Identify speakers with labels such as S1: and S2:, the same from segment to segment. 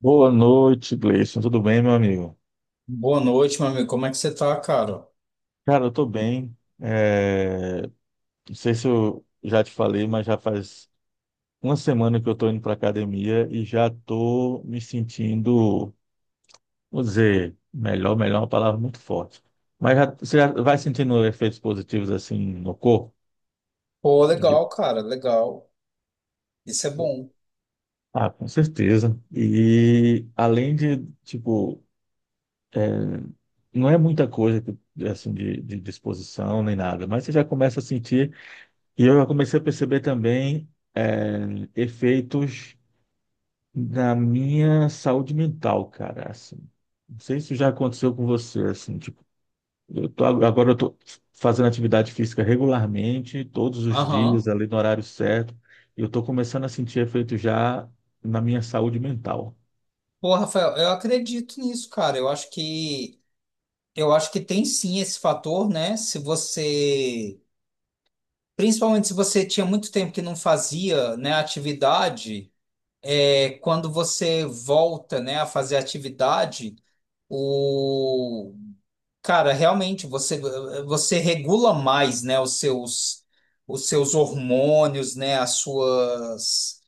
S1: Boa noite, Gleison. Tudo bem, meu amigo?
S2: Boa noite, meu amigo. Como é que você tá, cara?
S1: Cara, eu tô bem. É, Não sei se eu já te falei, mas já faz uma semana que eu tô indo pra academia e já tô me sentindo, vou dizer, melhor, melhor é uma palavra muito forte. Você já vai sentindo efeitos positivos assim no corpo?
S2: Pô, legal, cara, legal. Isso é bom.
S1: Ah, com certeza. E além de, tipo, não é muita coisa que, assim, de disposição nem nada, mas você já começa a sentir. E eu já comecei a perceber também efeitos na minha saúde mental, cara. Assim, não sei se já aconteceu com você, assim, tipo, agora eu tô fazendo atividade física regularmente, todos os dias,
S2: Aham.
S1: ali no horário certo, e eu tô começando a sentir efeito já na minha saúde mental.
S2: Pô, Rafael, eu acredito nisso, cara. Eu acho que tem sim esse fator, né? Se você, principalmente se você tinha muito tempo que não fazia, né, atividade, é quando você volta, né, a fazer atividade, o Cara, realmente você regula mais, né, os seus hormônios, né, as suas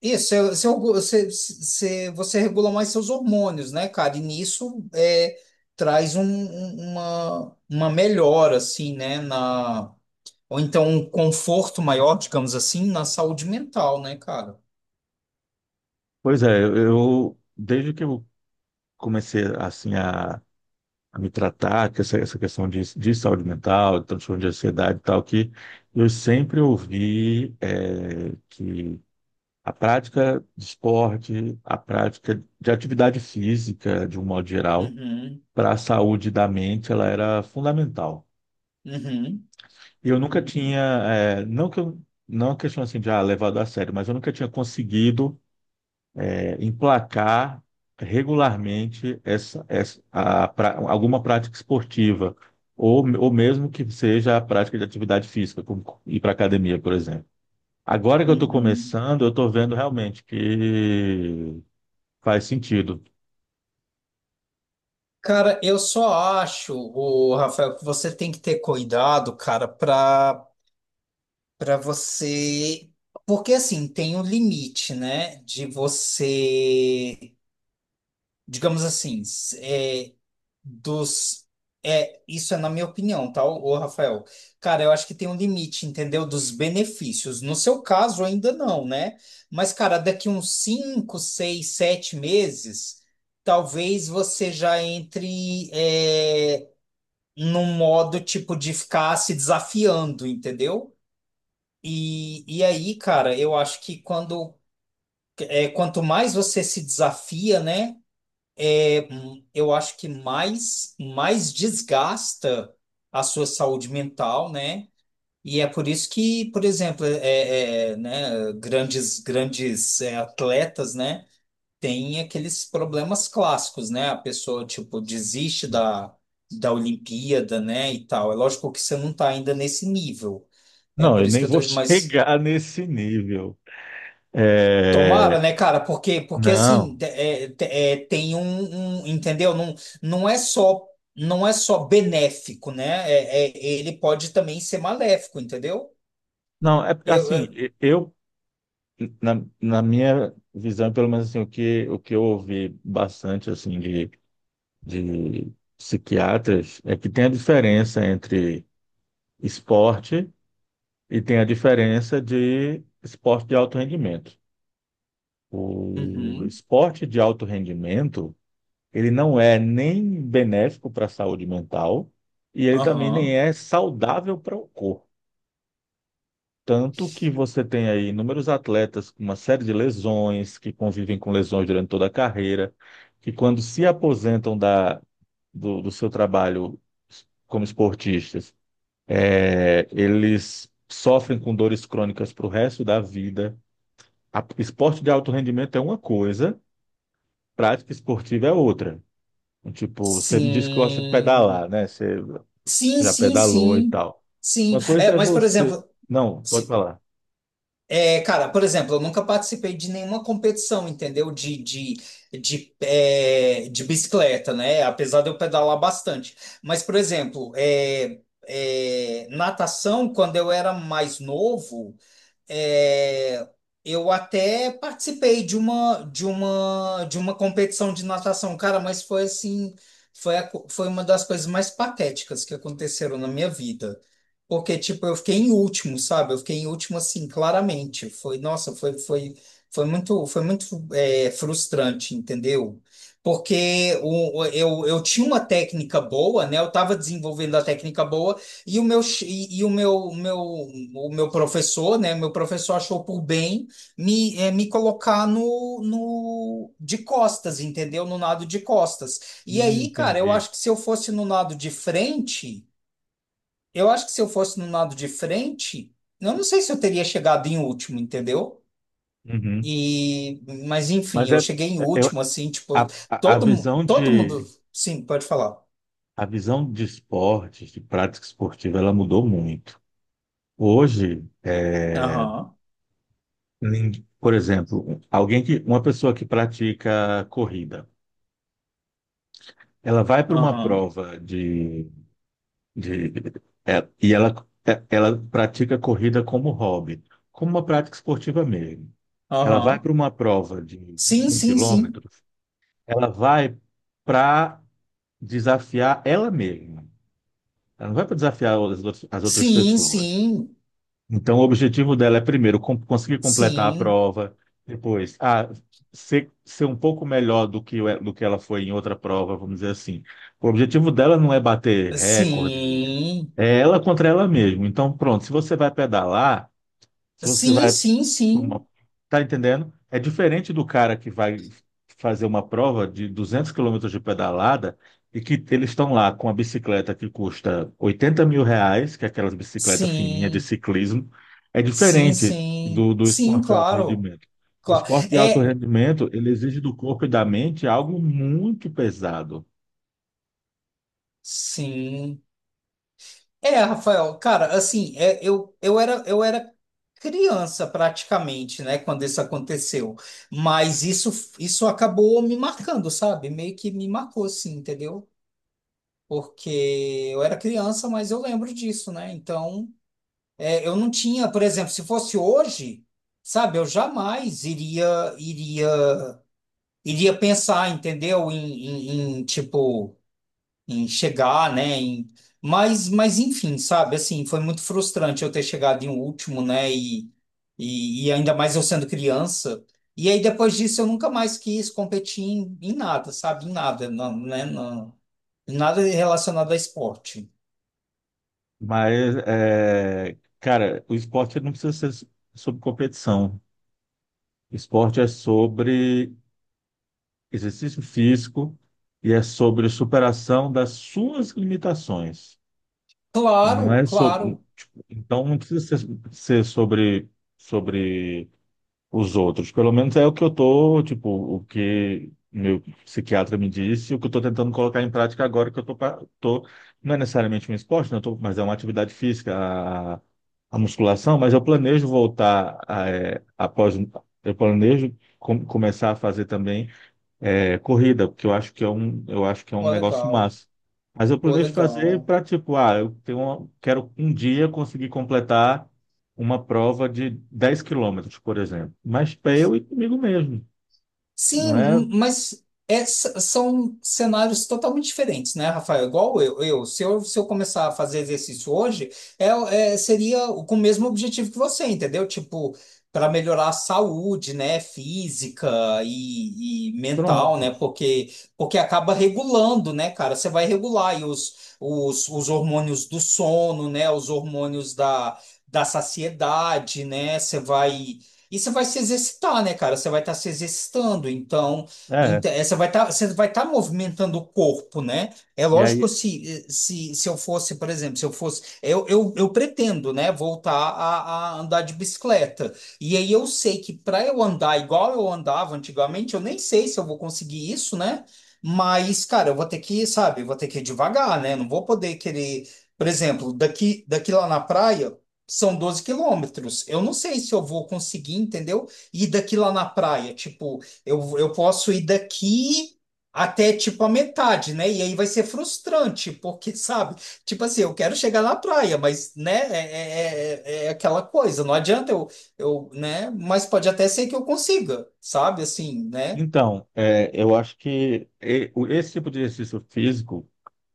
S2: Isso, você regula mais seus hormônios, né, cara? E nisso é, traz uma melhora, assim, né, na. Ou então um conforto maior, digamos assim, na saúde mental, né, cara?
S1: Pois é, eu desde que eu comecei assim a me tratar, que essa questão de saúde mental, de transtorno de ansiedade e tal, que eu sempre ouvi que a prática de esporte, a prática de atividade física, de um modo geral,
S2: Uhum,
S1: para a saúde da mente, ela era fundamental.
S2: uhum,
S1: E eu nunca tinha, não que eu, não é uma questão assim de ah, levado a sério, mas eu nunca tinha conseguido emplacar regularmente alguma prática esportiva, ou mesmo que seja a prática de atividade física, como ir para academia, por exemplo. Agora que eu estou
S2: uhum.
S1: começando, eu estou vendo realmente que faz sentido.
S2: Cara, eu só acho, o Rafael, que você tem que ter cuidado, cara, para você, porque assim, tem um limite, né, de você, digamos assim, dos é, isso é na minha opinião, tá, ô Rafael? Cara, eu acho que tem um limite, entendeu? Dos benefícios. No seu caso ainda não, né? Mas cara, daqui uns 5, 6, 7 meses, talvez você já entre é, num modo tipo de ficar se desafiando, entendeu? E aí, cara, eu acho que quanto mais você se desafia, né? Eu acho que mais desgasta a sua saúde mental, né? E é por isso que, por exemplo, é, é, né, grandes é, atletas, né? Tem aqueles problemas clássicos, né? A pessoa, tipo, desiste da, da Olimpíada, né? E tal. É lógico que você não tá ainda nesse nível. É
S1: Não,
S2: por
S1: eu
S2: isso
S1: nem
S2: que eu tô.
S1: vou
S2: Mas
S1: chegar nesse nível.
S2: tomara,
S1: É,
S2: né, cara? Porque, porque assim,
S1: Não,
S2: é, é, Entendeu? Não, não é só. Não é só benéfico, né? É, é- ele pode também ser maléfico, entendeu?
S1: não, é
S2: Eu,
S1: assim,
S2: eu-
S1: na, na minha visão, pelo menos assim, o que eu ouvi bastante, assim, de psiquiatras é que tem a diferença entre esporte e tem a diferença de esporte de alto rendimento. O
S2: Uhum,
S1: esporte de alto rendimento, ele não é nem benéfico para a saúde mental e ele também nem
S2: aham.
S1: é saudável para o corpo. Tanto que você tem aí inúmeros atletas com uma série de lesões, que convivem com lesões durante toda a carreira, que quando se aposentam da, do seu trabalho como esportistas, eles sofrem com dores crônicas para o resto da vida. A- esporte de alto rendimento é uma coisa, prática esportiva é outra. Tipo, você me disse que gosta de
S2: Sim.
S1: pedalar, né? Você
S2: Sim,
S1: já
S2: sim,
S1: pedalou e
S2: sim.
S1: tal.
S2: Sim.
S1: Uma coisa
S2: É,
S1: é
S2: mas, por
S1: você.
S2: exemplo.
S1: Não, pode
S2: se-
S1: falar.
S2: É, cara, por exemplo, eu nunca participei de nenhuma competição, entendeu? De, é, de bicicleta, né? Apesar de eu pedalar bastante. Mas, por exemplo, é, é, natação, quando eu era mais novo. É, eu até participei de uma competição de natação, cara, mas foi assim, foi uma das coisas mais patéticas que aconteceram na minha vida. Porque tipo, eu fiquei em último, sabe? Eu fiquei em último assim, claramente. Foi, nossa, foi muito é, frustrante, entendeu? Porque eu tinha uma técnica boa, né? Eu estava desenvolvendo a técnica boa, e o meu, ch- e o meu, o meu, o meu professor, né? Meu professor achou por bem me colocar no de costas, entendeu? No nado de costas. E aí, cara, eu
S1: Entendi.
S2: acho que se eu fosse no nado de frente, eu acho que se eu fosse no nado de frente, eu não sei se eu teria chegado em último, entendeu?
S1: Uhum.
S2: E, mas enfim,
S1: Mas é,
S2: eu cheguei em
S1: é- eu-
S2: último, assim,
S1: a,
S2: tipo,
S1: a a
S2: todo, mu-
S1: visão
S2: todo mundo.
S1: de
S2: Sim, pode falar.
S1: a visão de esportes, de prática esportiva, ela mudou muito. Hoje,
S2: Aham,
S1: por exemplo, alguém que uma pessoa que pratica corrida, ela vai para uma
S2: aham,
S1: prova de, de e ela ela pratica corrida como hobby, como uma prática esportiva mesmo. Ela vai
S2: aham.
S1: para uma prova de vinte
S2: Sim,
S1: e um
S2: sim, sim.
S1: quilômetros, ela vai para desafiar ela mesma. Ela não vai para desafiar as outras
S2: Sim,
S1: pessoas.
S2: sim,
S1: Então, o objetivo dela é, primeiro, conseguir completar a
S2: sim,
S1: prova, depois, ah, ser um pouco melhor do que, do que ela foi em outra prova, vamos dizer assim. O objetivo dela não é bater recorde,
S2: sim,
S1: é ela contra ela mesma. Então, pronto, se você vai pedalar, se você
S2: sim,
S1: vai
S2: sim, sim,
S1: uma- Tá entendendo? É diferente do cara que vai fazer uma prova de 200 quilômetros de pedalada e que eles estão lá com a bicicleta que custa R$ 80.000, que é aquelas bicicletas fininhas de
S2: sim,
S1: ciclismo. É
S2: sim,
S1: diferente
S2: sim,
S1: do
S2: sim,
S1: esporte de alto
S2: claro,
S1: rendimento. O
S2: claro,
S1: esporte de alto
S2: é,
S1: rendimento, ele exige do corpo e da mente algo muito pesado.
S2: sim, é, Rafael, cara, assim, é, eu era criança praticamente, né, quando isso aconteceu, mas isso acabou me marcando, sabe, meio que me marcou, assim, entendeu? Porque eu era criança, mas eu lembro disso, né, então. É, eu não tinha, por exemplo, se fosse hoje, sabe, eu jamais iria pensar, entendeu? Em, tipo em chegar, né? Em, mas enfim, sabe? Assim, foi muito frustrante eu ter chegado em último, né? E ainda mais eu sendo criança. E aí depois disso eu nunca mais quis competir em nada, sabe? Em nada, não, né? Não, em nada relacionado a esporte.
S1: Mas, é, cara, o esporte não precisa ser sobre competição. Esporte é sobre exercício físico e é sobre superação das suas limitações. Não
S2: Claro,
S1: é sobre,
S2: claro.
S1: tipo, então não precisa ser, ser sobre sobre os outros. Pelo menos é o que eu tô, tipo, o que meu psiquiatra me disse, o que eu tô tentando colocar em prática agora que eu tô, não é necessariamente um esporte, não, eu tô, mas é uma atividade física, a musculação, mas eu planejo voltar a, após eu planejo começar a fazer também corrida, porque eu acho que é um, eu acho que é um
S2: Pô,
S1: negócio
S2: legal.
S1: massa. Mas eu
S2: Pô,
S1: planejo fazer
S2: legal.
S1: para tipo, ah, quero um dia conseguir completar uma prova de 10 quilômetros, por exemplo. Mas para eu e comigo mesmo, não é
S2: Sim, mas são cenários totalmente diferentes, né, Rafael? Igual eu, se eu começar a fazer exercício hoje, é, seria com o mesmo objetivo que você, entendeu? Tipo, para melhorar a saúde, né, física e mental, né?
S1: pronto.
S2: Porque, porque acaba regulando, né, cara? Você vai regular aí os hormônios do sono, né? Os hormônios da, da saciedade, né? Você vai. E você vai se exercitar, né, cara? Você vai estar se exercitando, então,
S1: É.
S2: você vai estar movimentando o corpo, né? É
S1: E
S2: lógico
S1: aí,
S2: se eu fosse, por exemplo, se eu fosse, eu pretendo, né, voltar a andar de bicicleta. E aí eu sei que para eu andar igual eu andava antigamente, eu nem sei se eu vou conseguir isso, né? Mas, cara, eu vou ter que, sabe, eu vou ter que ir devagar, né? Não vou poder querer, por exemplo, daqui lá na praia. São 12 km. Eu não sei se eu vou conseguir, entendeu? Ir daqui lá na praia. Tipo, eu posso ir daqui até tipo a metade, né? E aí vai ser frustrante, porque, sabe? Tipo assim, eu quero chegar na praia, mas, né? É aquela coisa. Não adianta eu, né? Mas pode até ser que eu consiga, sabe? Assim, né?
S1: então, eu acho que esse tipo de exercício físico,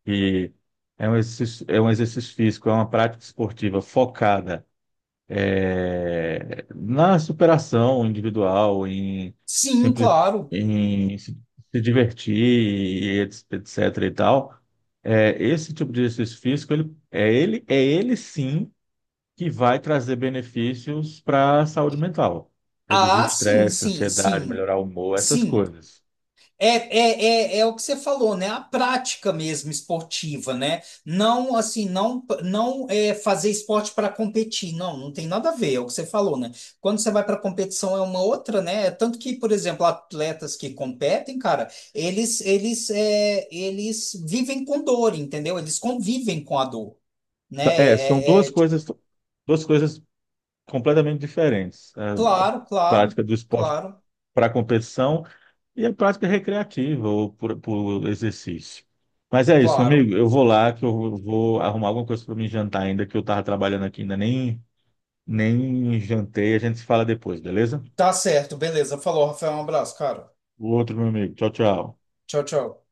S1: que é um exercício físico, é uma prática esportiva focada na superação individual, em,
S2: Sim,
S1: simpli-
S2: claro.
S1: em se se divertir, etc. e tal, esse tipo de exercício físico, ele sim que vai trazer benefícios para a saúde mental. Reduzir
S2: Ah, sim,
S1: estresse,
S2: sim,
S1: ansiedade,
S2: sim.
S1: melhorar o humor, essas
S2: Sim.
S1: coisas.
S2: É, é, é o que você falou, né? A prática mesmo esportiva, né? Não assim, não não é fazer esporte para competir, não, não tem nada a ver, é o que você falou, né? Quando você vai para competição é uma outra, né? É. Tanto que, por exemplo, atletas que competem, cara, eles vivem com dor, entendeu? Eles convivem com a dor, né?
S1: É, são duas coisas completamente diferentes. A
S2: Claro, claro,
S1: prática do esporte
S2: claro,
S1: para competição e a prática recreativa ou por exercício. Mas é isso, meu
S2: claro.
S1: amigo. Eu vou lá que eu vou arrumar alguma coisa para me jantar ainda, que eu tava trabalhando aqui, ainda nem, nem jantei. A gente se fala depois, beleza?
S2: Tá certo, beleza. Falou, Rafael, um abraço, cara.
S1: O outro, meu amigo. Tchau, tchau.
S2: Tchau, tchau.